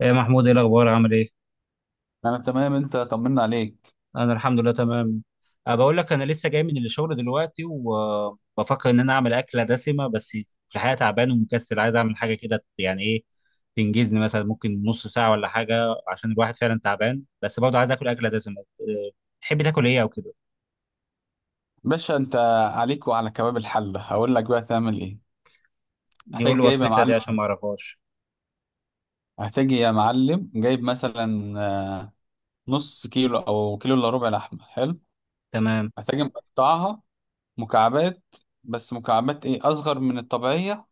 يا محمود، ايه الاخبار؟ عامل ايه؟ انا تمام، انت طمنا عليك. انا الحمد لله تمام. بقول لك انا لسه جاي من الشغل دلوقتي، وبفكر ان انا اعمل اكله دسمه، بس في الحقيقه تعبان ومكسل، عايز اعمل حاجه كده يعني ايه تنجزني، مثلا ممكن نص ساعه ولا حاجه، عشان الواحد فعلا تعبان، بس برضه عايز اكل اكله دسمه. تحب تاكل ايه او كده؟ باشا انت، عليك وعلى كباب الحلة هقول لك بقى تعمل ايه. يقول هتحتاج لي جايب يا وصفتها دي معلم عشان ما اعرفهاش. هتحتاج يا معلم جايب مثلا نص كيلو او كيلو الا ربع لحمة. حلو. تمام. هتحتاج مقطعها مكعبات، بس مكعبات ايه اصغر من الطبيعية،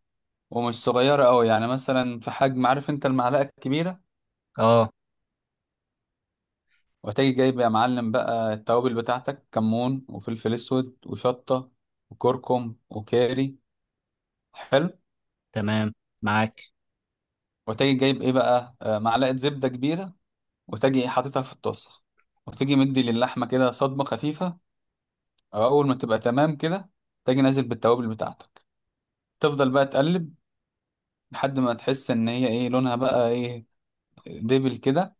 ومش صغيرة قوي، يعني مثلا في حجم عارف انت المعلقة الكبيرة. اه، وهتجي جايب يا معلم بقى التوابل بتاعتك: كمون وفلفل اسود وشطة وكركم وكاري. حلو. تمام معاك. وتجي جايب ايه بقى معلقه زبده كبيره. وتجي ايه حاططها في الطاسه، وتجي مدي للحمه كده صدمه خفيفه. او اول ما تبقى تمام كده تجي نازل بالتوابل بتاعتك. تفضل بقى تقلب لحد ما تحس ان هي ايه لونها بقى ايه، دبل كده.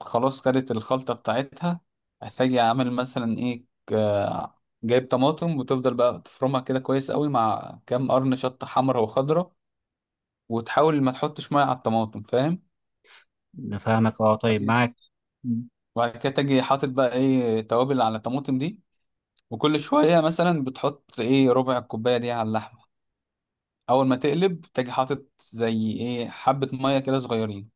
خلاص، خدت الخلطه بتاعتها. هتجي عامل مثلا ايه جايب طماطم، وتفضل بقى تفرمها كده كويس قوي مع كام قرن شطه حمرا وخضرا. وتحاول ما تحطش ميه على الطماطم، فاهم. نفهمك اه، طيب، معاك. وبعد كده تجي حاطط بقى ايه توابل على الطماطم دي. وكل شوية مثلا بتحط ايه ربع الكوباية دي على اللحمة. أول ما تقلب تجي حاطط زي ايه حبة مية كده صغيرين،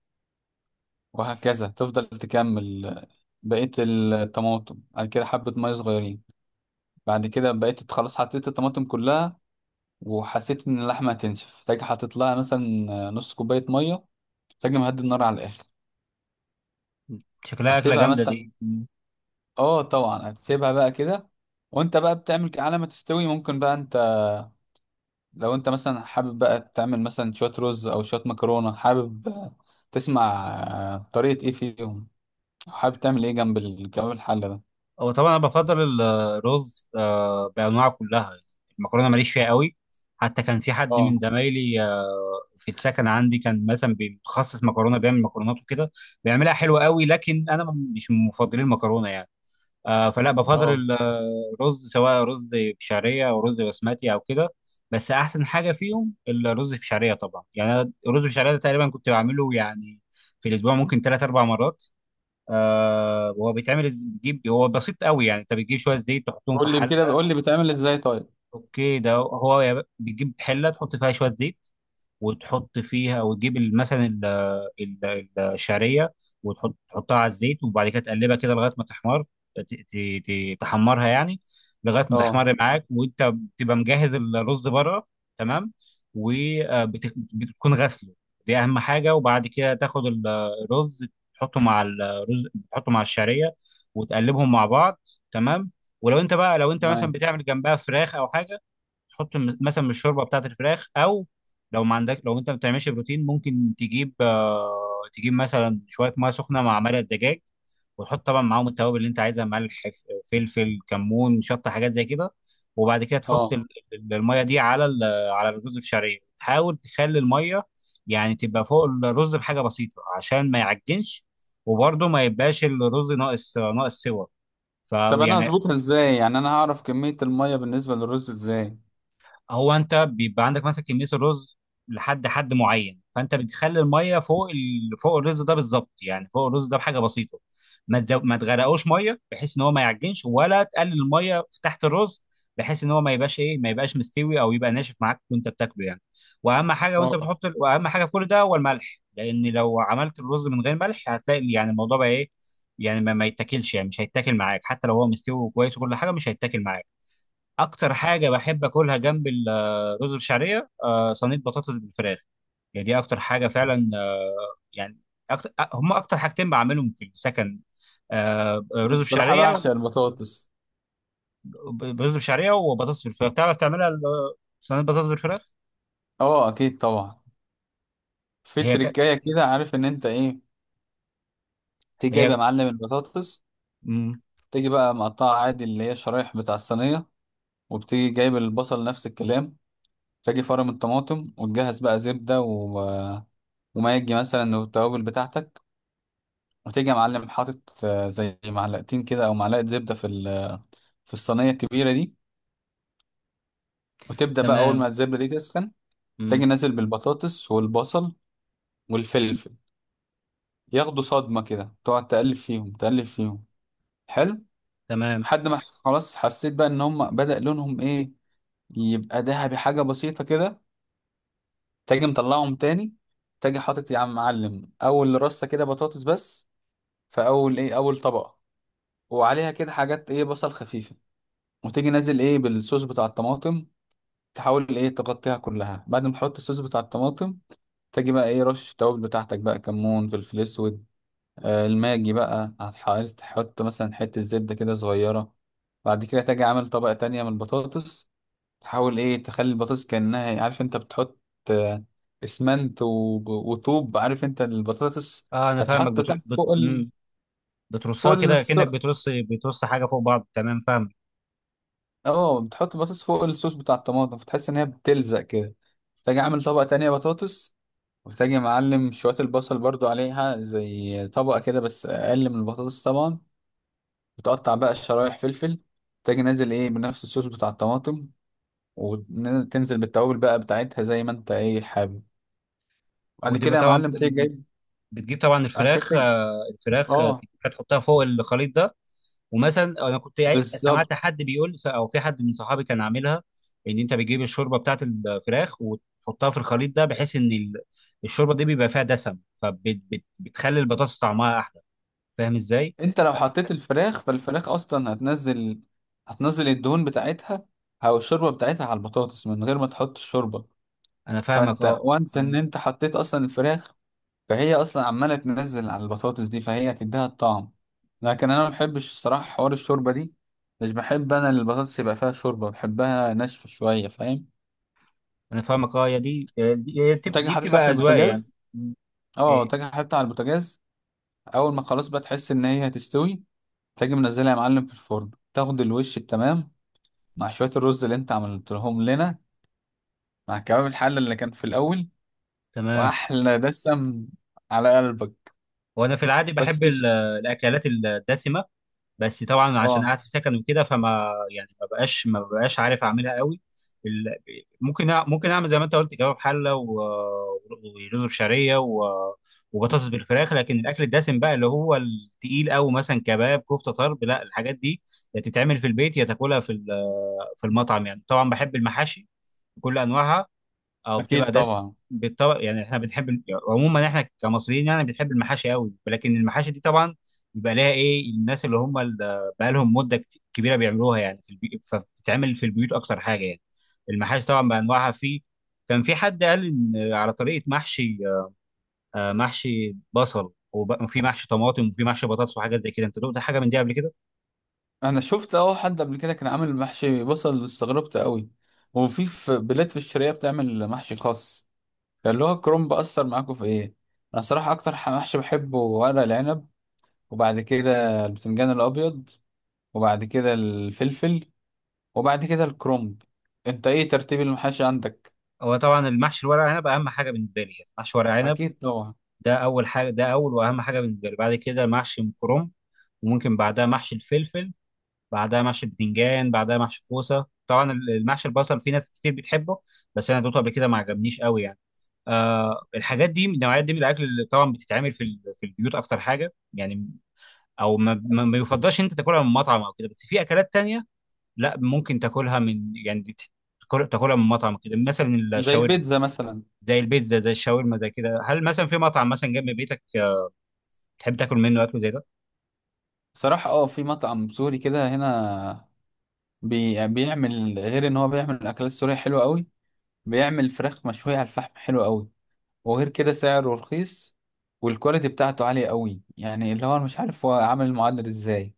وهكذا تفضل تكمل. بقية الطماطم بعد كده حبة مية صغيرين، بعد كده بقيت خلاص حطيت الطماطم كلها. وحسيت إن اللحمة هتنشف تجي حاطط لها مثلا نص كوباية مية. تجي مهدي النار على الآخر. شكلها اكله هتسيبها جامده مثلا، دي. اه طبعا هتسيبها بقى كده وانت بقى بتعمل على ما تستوي. ممكن بقى انت لو انت مثلا حابب بقى تعمل مثلا شوية رز او شوية مكرونة حابب تسمع طريقة ايه فيهم. حابب تعمل ايه جنب الكباب الحلة ده. هو طبعا انا بفضل الرز بانواعه كلها. المكرونه ماليش فيها قوي. حتى كان في حد من اه. زمايلي، في السكن عندي كان مثلا بيتخصص مكرونه، بيعمل مكرونات وكده، بيعملها حلوه قوي، لكن انا مش من مفضلين المكرونه يعني. فلا بفضل اه، الرز، سواء رز بشعريه او رز بسمتي او كده. بس احسن حاجه فيهم الرز بشعريه طبعا. يعني أنا الرز بشعريه ده تقريبا كنت بعمله، يعني في الاسبوع ممكن ثلاث اربع مرات. هو بيتعمل، بتجيب، هو بسيط قوي يعني. انت بتجيب شويه زيت تحطهم في قول لي حله. كده، قول لي بتعمل ازاي طيب. اوكي، ده هو يا بتجيب حله تحط فيها شويه زيت، وتحط فيها، وتجيب مثلا الشعريه. تحطها على الزيت، وبعد كده تقلبها كده لغايه ما تحمر. تحمرها يعني، لغايه ما اه. تحمر معاك، وانت بتبقى مجهز الرز بره. تمام. وبتكون غسله، دي اهم حاجه. وبعد كده تاخد الرز، تحطه مع الشعريه، وتقلبهم مع بعض. تمام. ولو انت بقى لو انت مثلا تمام. بتعمل جنبها فراخ او حاجه، تحط مثلا من الشوربه بتاعت الفراخ. او لو انت ما بتعملش بروتين، ممكن تجيب مثلا شويه ميه سخنه مع مرق الدجاج، وتحط طبعا معاهم التوابل اللي انت عايزها: ملح، فلفل، كمون، شطه، حاجات زي كده. وبعد كده تحط اه. الميه دي على على الرز بشعريه. تحاول تخلي الميه يعني تبقى فوق الرز بحاجه بسيطه عشان ما يعجنش، وبرده ما يبقاش الرز ناقص سوا، طب انا فيعني هظبطها ازاي؟ يعني انا هعرف كمية المية بالنسبة للرز ازاي. هو انت بيبقى عندك مثلا كميه الرز لحد حد معين، فانت بتخلي الميه فوق فوق الرز ده بالظبط، يعني فوق الرز ده بحاجه بسيطه. ما تغرقوش ميه بحيث ان هو ما يعجنش، ولا تقلل الميه في تحت الرز، بحيث ان هو ما يبقاش مستوي، او يبقى ناشف معاك وانت بتاكله يعني. واهم حاجه وانت اه. بتحط ال... واهم حاجه في كل ده هو الملح، لان لو عملت الرز من غير ملح، هتلاقي يعني الموضوع بقى ايه. يعني ما يتاكلش يعني، مش هيتاكل معاك حتى لو هو مستوي وكويس وكل حاجه، مش هيتاكل معاك. اكتر حاجه بحب اكلها جنب الرز بالشعريه صينيه بطاطس بالفراخ. يعني دي اكتر حاجه فعلا يعني. أكتر هم اكتر حاجتين بعملهم في السكن، أنا رز بصراحة بشعريه، بعشق البطاطس. رز بشعريه وبطاطس بالفراخ. تعرف تعملها صينيه بطاطس بالفراخ؟ اه، اكيد طبعا. في هي ك... تريكاية كده، عارف ان انت ايه. تيجي جايب هي. يا معلم البطاطس، مم. تيجي بقى مقطعها عادي اللي هي شرايح بتاع الصينية. وبتيجي جايب البصل نفس الكلام. تجي فرم الطماطم وتجهز بقى زبدة وماجي مثلا والتوابل بتاعتك. وتيجي يا معلم حاطط زي معلقتين كده أو معلقة زبدة في الصينية الكبيرة دي. وتبدأ بقى أول تمام. ما الزبدة دي تسخن مم. تجي نازل بالبطاطس والبصل والفلفل. ياخدوا صدمة كده، تقعد تقلب فيهم تقلب فيهم. حلو. تمام. لحد ما خلاص حسيت بقى إن هم بدأ لونهم إيه، يبقى دهبي حاجة بسيطة كده. تاجي مطلعهم تاني. تاجي حاطط يا عم معلم اول رصه كده بطاطس بس، في اول ايه اول طبقه. وعليها كده حاجات ايه بصل خفيفه. وتيجي نازل ايه بالصوص بتاع الطماطم. تحاول ايه تغطيها كلها. بعد ما تحط الصوص بتاع الطماطم تاجي بقى ايه رش التوابل بتاعتك بقى: كمون، فلفل اسود. آه، الماجي بقى عايز تحط مثلا حته زبده كده صغيره. بعد كده تاجي عامل طبقه تانية من البطاطس. تحاول ايه تخلي البطاطس كأنها إيه، عارف انت بتحط آه، اسمنت وطوب، عارف انت البطاطس. اه انا فاهمك. هتحط تحت فوق مم. فوق بترصها كده، الص... كأنك بترص حاجه فوق بعض. تمام، فاهم. اه، بتحط البطاطس فوق الصوص بتاع الطماطم فتحس ان هي بتلزق كده. تاجي عامل طبقة تانية بطاطس. وتاجي معلم شوية البصل برضو عليها زي طبقة كده، بس اقل من البطاطس طبعا. بتقطع بقى شرايح فلفل. تاجي نازل ايه بنفس الصوص بتاع الطماطم. وتنزل بالتوابل بقى بتاعتها زي ما انت ايه حابب. بعد ودي كده يا طبعا معلم تيجي جايب بتجيب طبعا حكايتك. الفراخ، اه، تجيبها تحطها فوق الخليط ده. ومثلا انا سمعت بالظبط. حد بيقول، او في حد من صحابي كان عاملها، ان انت بتجيب الشوربه بتاعت الفراخ وتحطها في الخليط ده، بحيث ان الشوربه دي بيبقى فيها دسم، فبتخلي البطاطس طعمها احلى. فاهم ازاي؟ انت لو حطيت الفراخ فالفراخ اصلا هتنزل، هتنزل الدهون بتاعتها او الشوربه بتاعتها على البطاطس من غير ما تحط الشوربه. انا فاهمك فانت اه. وانس ان مم. انت حطيت اصلا الفراخ، فهي اصلا عماله تنزل على البطاطس دي فهي هتديها الطعم. لكن انا ما بحبش الصراحه حوار الشوربه دي، مش بحب انا البطاطس يبقى فيها شوربه، بحبها ناشفه شويه، فاهم. انا فاهمك اه، يا دي دي وتجي دي حاططها في بتبقى اذواق يعني. البوتاجاز. مم. اه، اوكي. تجي حاططها على البوتاجاز. اول ما خلاص بقى تحس ان هي هتستوي تيجي منزلها يا معلم في الفرن تاخد الوش التمام مع شوية الرز اللي انت عملتهم لنا مع كباب الحلة اللي كان في الأول. تمام. وأحلى دسم على قلبك. وانا في العادي بحب بس مش. الاكلات الدسمه، بس طبعا عشان اه. قاعد في سكن وكده، فما يعني ما بقاش عارف اعملها قوي. ال- ممكن اعمل زي ما انت قلت كباب حله ورز بشعريه وبطاطس بالفراخ، لكن الاكل الدسم بقى اللي هو التقيل قوي، مثلا كباب كفته طرب لا، الحاجات دي يا تتعمل في البيت، يا تاكلها في المطعم يعني. طبعا بحب المحاشي بكل انواعها، او أكيد بتبقى داس طبعا. بالطبق. يعني احنا بنحب عموما احنا كمصريين يعني بنحب المحاشي قوي، لكن المحاشي دي طبعا بيبقى لها ايه الناس اللي هم اللي بقى لهم مده كبيره بيعملوها، يعني فبتتعمل في البيوت اكتر حاجه يعني. المحاشي طبعا بانواعها في. كان في حد قال ان على طريقه محشي، محشي بصل، وفي محشي طماطم، وفي محشي بطاطس، وحاجات زي كده. انت دقت حاجه من دي قبل كده؟ أنا شفت أهو حد قبل كده كان عامل محشي بصل، استغربت قوي. وفي بلاد في الشرقية بتعمل محشي خاص اللي هو الكرنب. أثر معاكم في إيه؟ أنا صراحة أكتر محشي بحبه ورق العنب، وبعد كده البتنجان الأبيض، وبعد كده الفلفل، وبعد كده الكرومب. انت ايه ترتيب المحاشي عندك؟ هو طبعا المحشي الورق عنب اهم حاجه بالنسبه لي، يعني محشي ورق عنب، اكيد طبعا. ده اول واهم حاجه بالنسبه لي. بعد كده محشي كرنب، وممكن بعدها محشي الفلفل، بعدها محشي البتنجان، بعدها محشي الكوسه. طبعا المحشي البصل في ناس كتير بتحبه، بس انا دوقته قبل كده ما عجبنيش قوي يعني. الحاجات دي النوعيات دي من الاكل اللي طبعا بتتعمل في البيوت اكتر حاجه يعني، او ما يفضلش إن انت تاكلها من مطعم او كده. بس في اكلات تانية لا، ممكن تاكلها من يعني تاكلها من مطعم، كده مثلا زي الشاورما، البيتزا مثلا. زي البيتزا، زي الشاورما، زي كده. هل مثلا في مطعم مثلا جنب بيتك تحب تاكل منه اكل زي ده؟ بصراحة اه، في مطعم سوري كده هنا بيعمل، غير ان هو بيعمل اكلات سورية حلوة قوي، بيعمل فراخ مشوية على الفحم حلوة قوي. وغير كده سعره رخيص والكواليتي بتاعته عالية قوي. يعني اللي هو أنا مش عارف هو عامل المعادلة دي ازاي.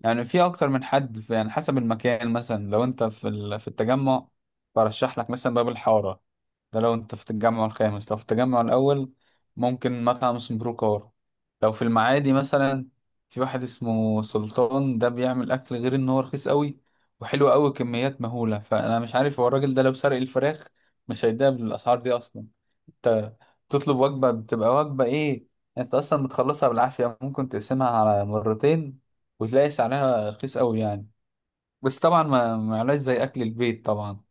يعني في اكتر من حد، في يعني حسب المكان مثلا. لو انت في التجمع، برشح لك مثلا باب الحاره ده لو انت في التجمع الخامس. لو في التجمع الاول، ممكن مطعم اسمه بروكار. لو في المعادي مثلا، في واحد اسمه سلطان. ده بيعمل اكل غير ان هو رخيص قوي وحلو قوي، كميات مهوله. فانا مش عارف هو الراجل ده لو سرق الفراخ مش هيديها بالاسعار دي اصلا. انت تطلب وجبة بتبقى وجبة ايه، انت اصلا بتخلصها بالعافية، ممكن تقسمها على مرتين، وتلاقي سعرها رخيص قوي يعني. بس طبعا ما معلاش زي اكل البيت طبعا.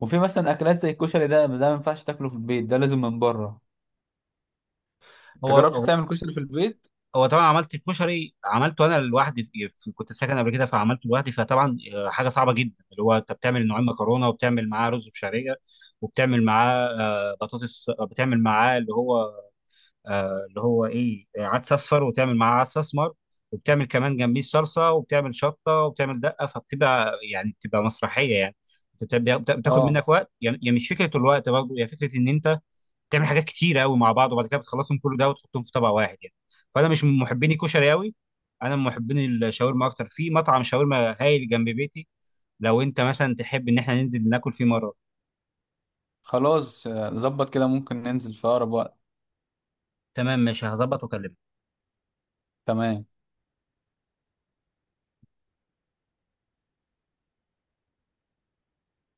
وفي مثلا اكلات زي الكشري، ده ما ينفعش تاكله في البيت، ده لازم من بره. انت جربت هو تعمل كشري في البيت؟ هو طبعا عملته انا لوحدي كنت ساكن قبل كده، فعملته لوحدي، فطبعا حاجه صعبه جدا، اللي هو انت بتعمل نوعين مكرونه، وبتعمل معاه رز بشعريه، وبتعمل معاه بطاطس، بتعمل معاه اللي هو ايه آه، عدس اصفر، وبتعمل معاه عدس اسمر، وبتعمل كمان جنبيه صلصه، وبتعمل شطه، وبتعمل دقه، فبتبقى يعني بتبقى مسرحيه يعني. بتاخد اه، منك وقت يعني، يعني مش فكره الوقت، برضه هي فكره ان انت بتعمل حاجات كتير قوي مع بعض، وبعد كده بتخلصهم كله ده وتحطهم في طبق واحد يعني. فانا مش من محبين الكشري قوي، انا من محبين الشاورما اكتر. في مطعم شاورما هايل جنب بيتي، لو انت مثلا تحب ان احنا ننزل ناكل فيه مره. خلاص ظبط كده، ممكن ننزل في اقرب وقت. تمام، ماشي، هظبط واكلمك. تمام.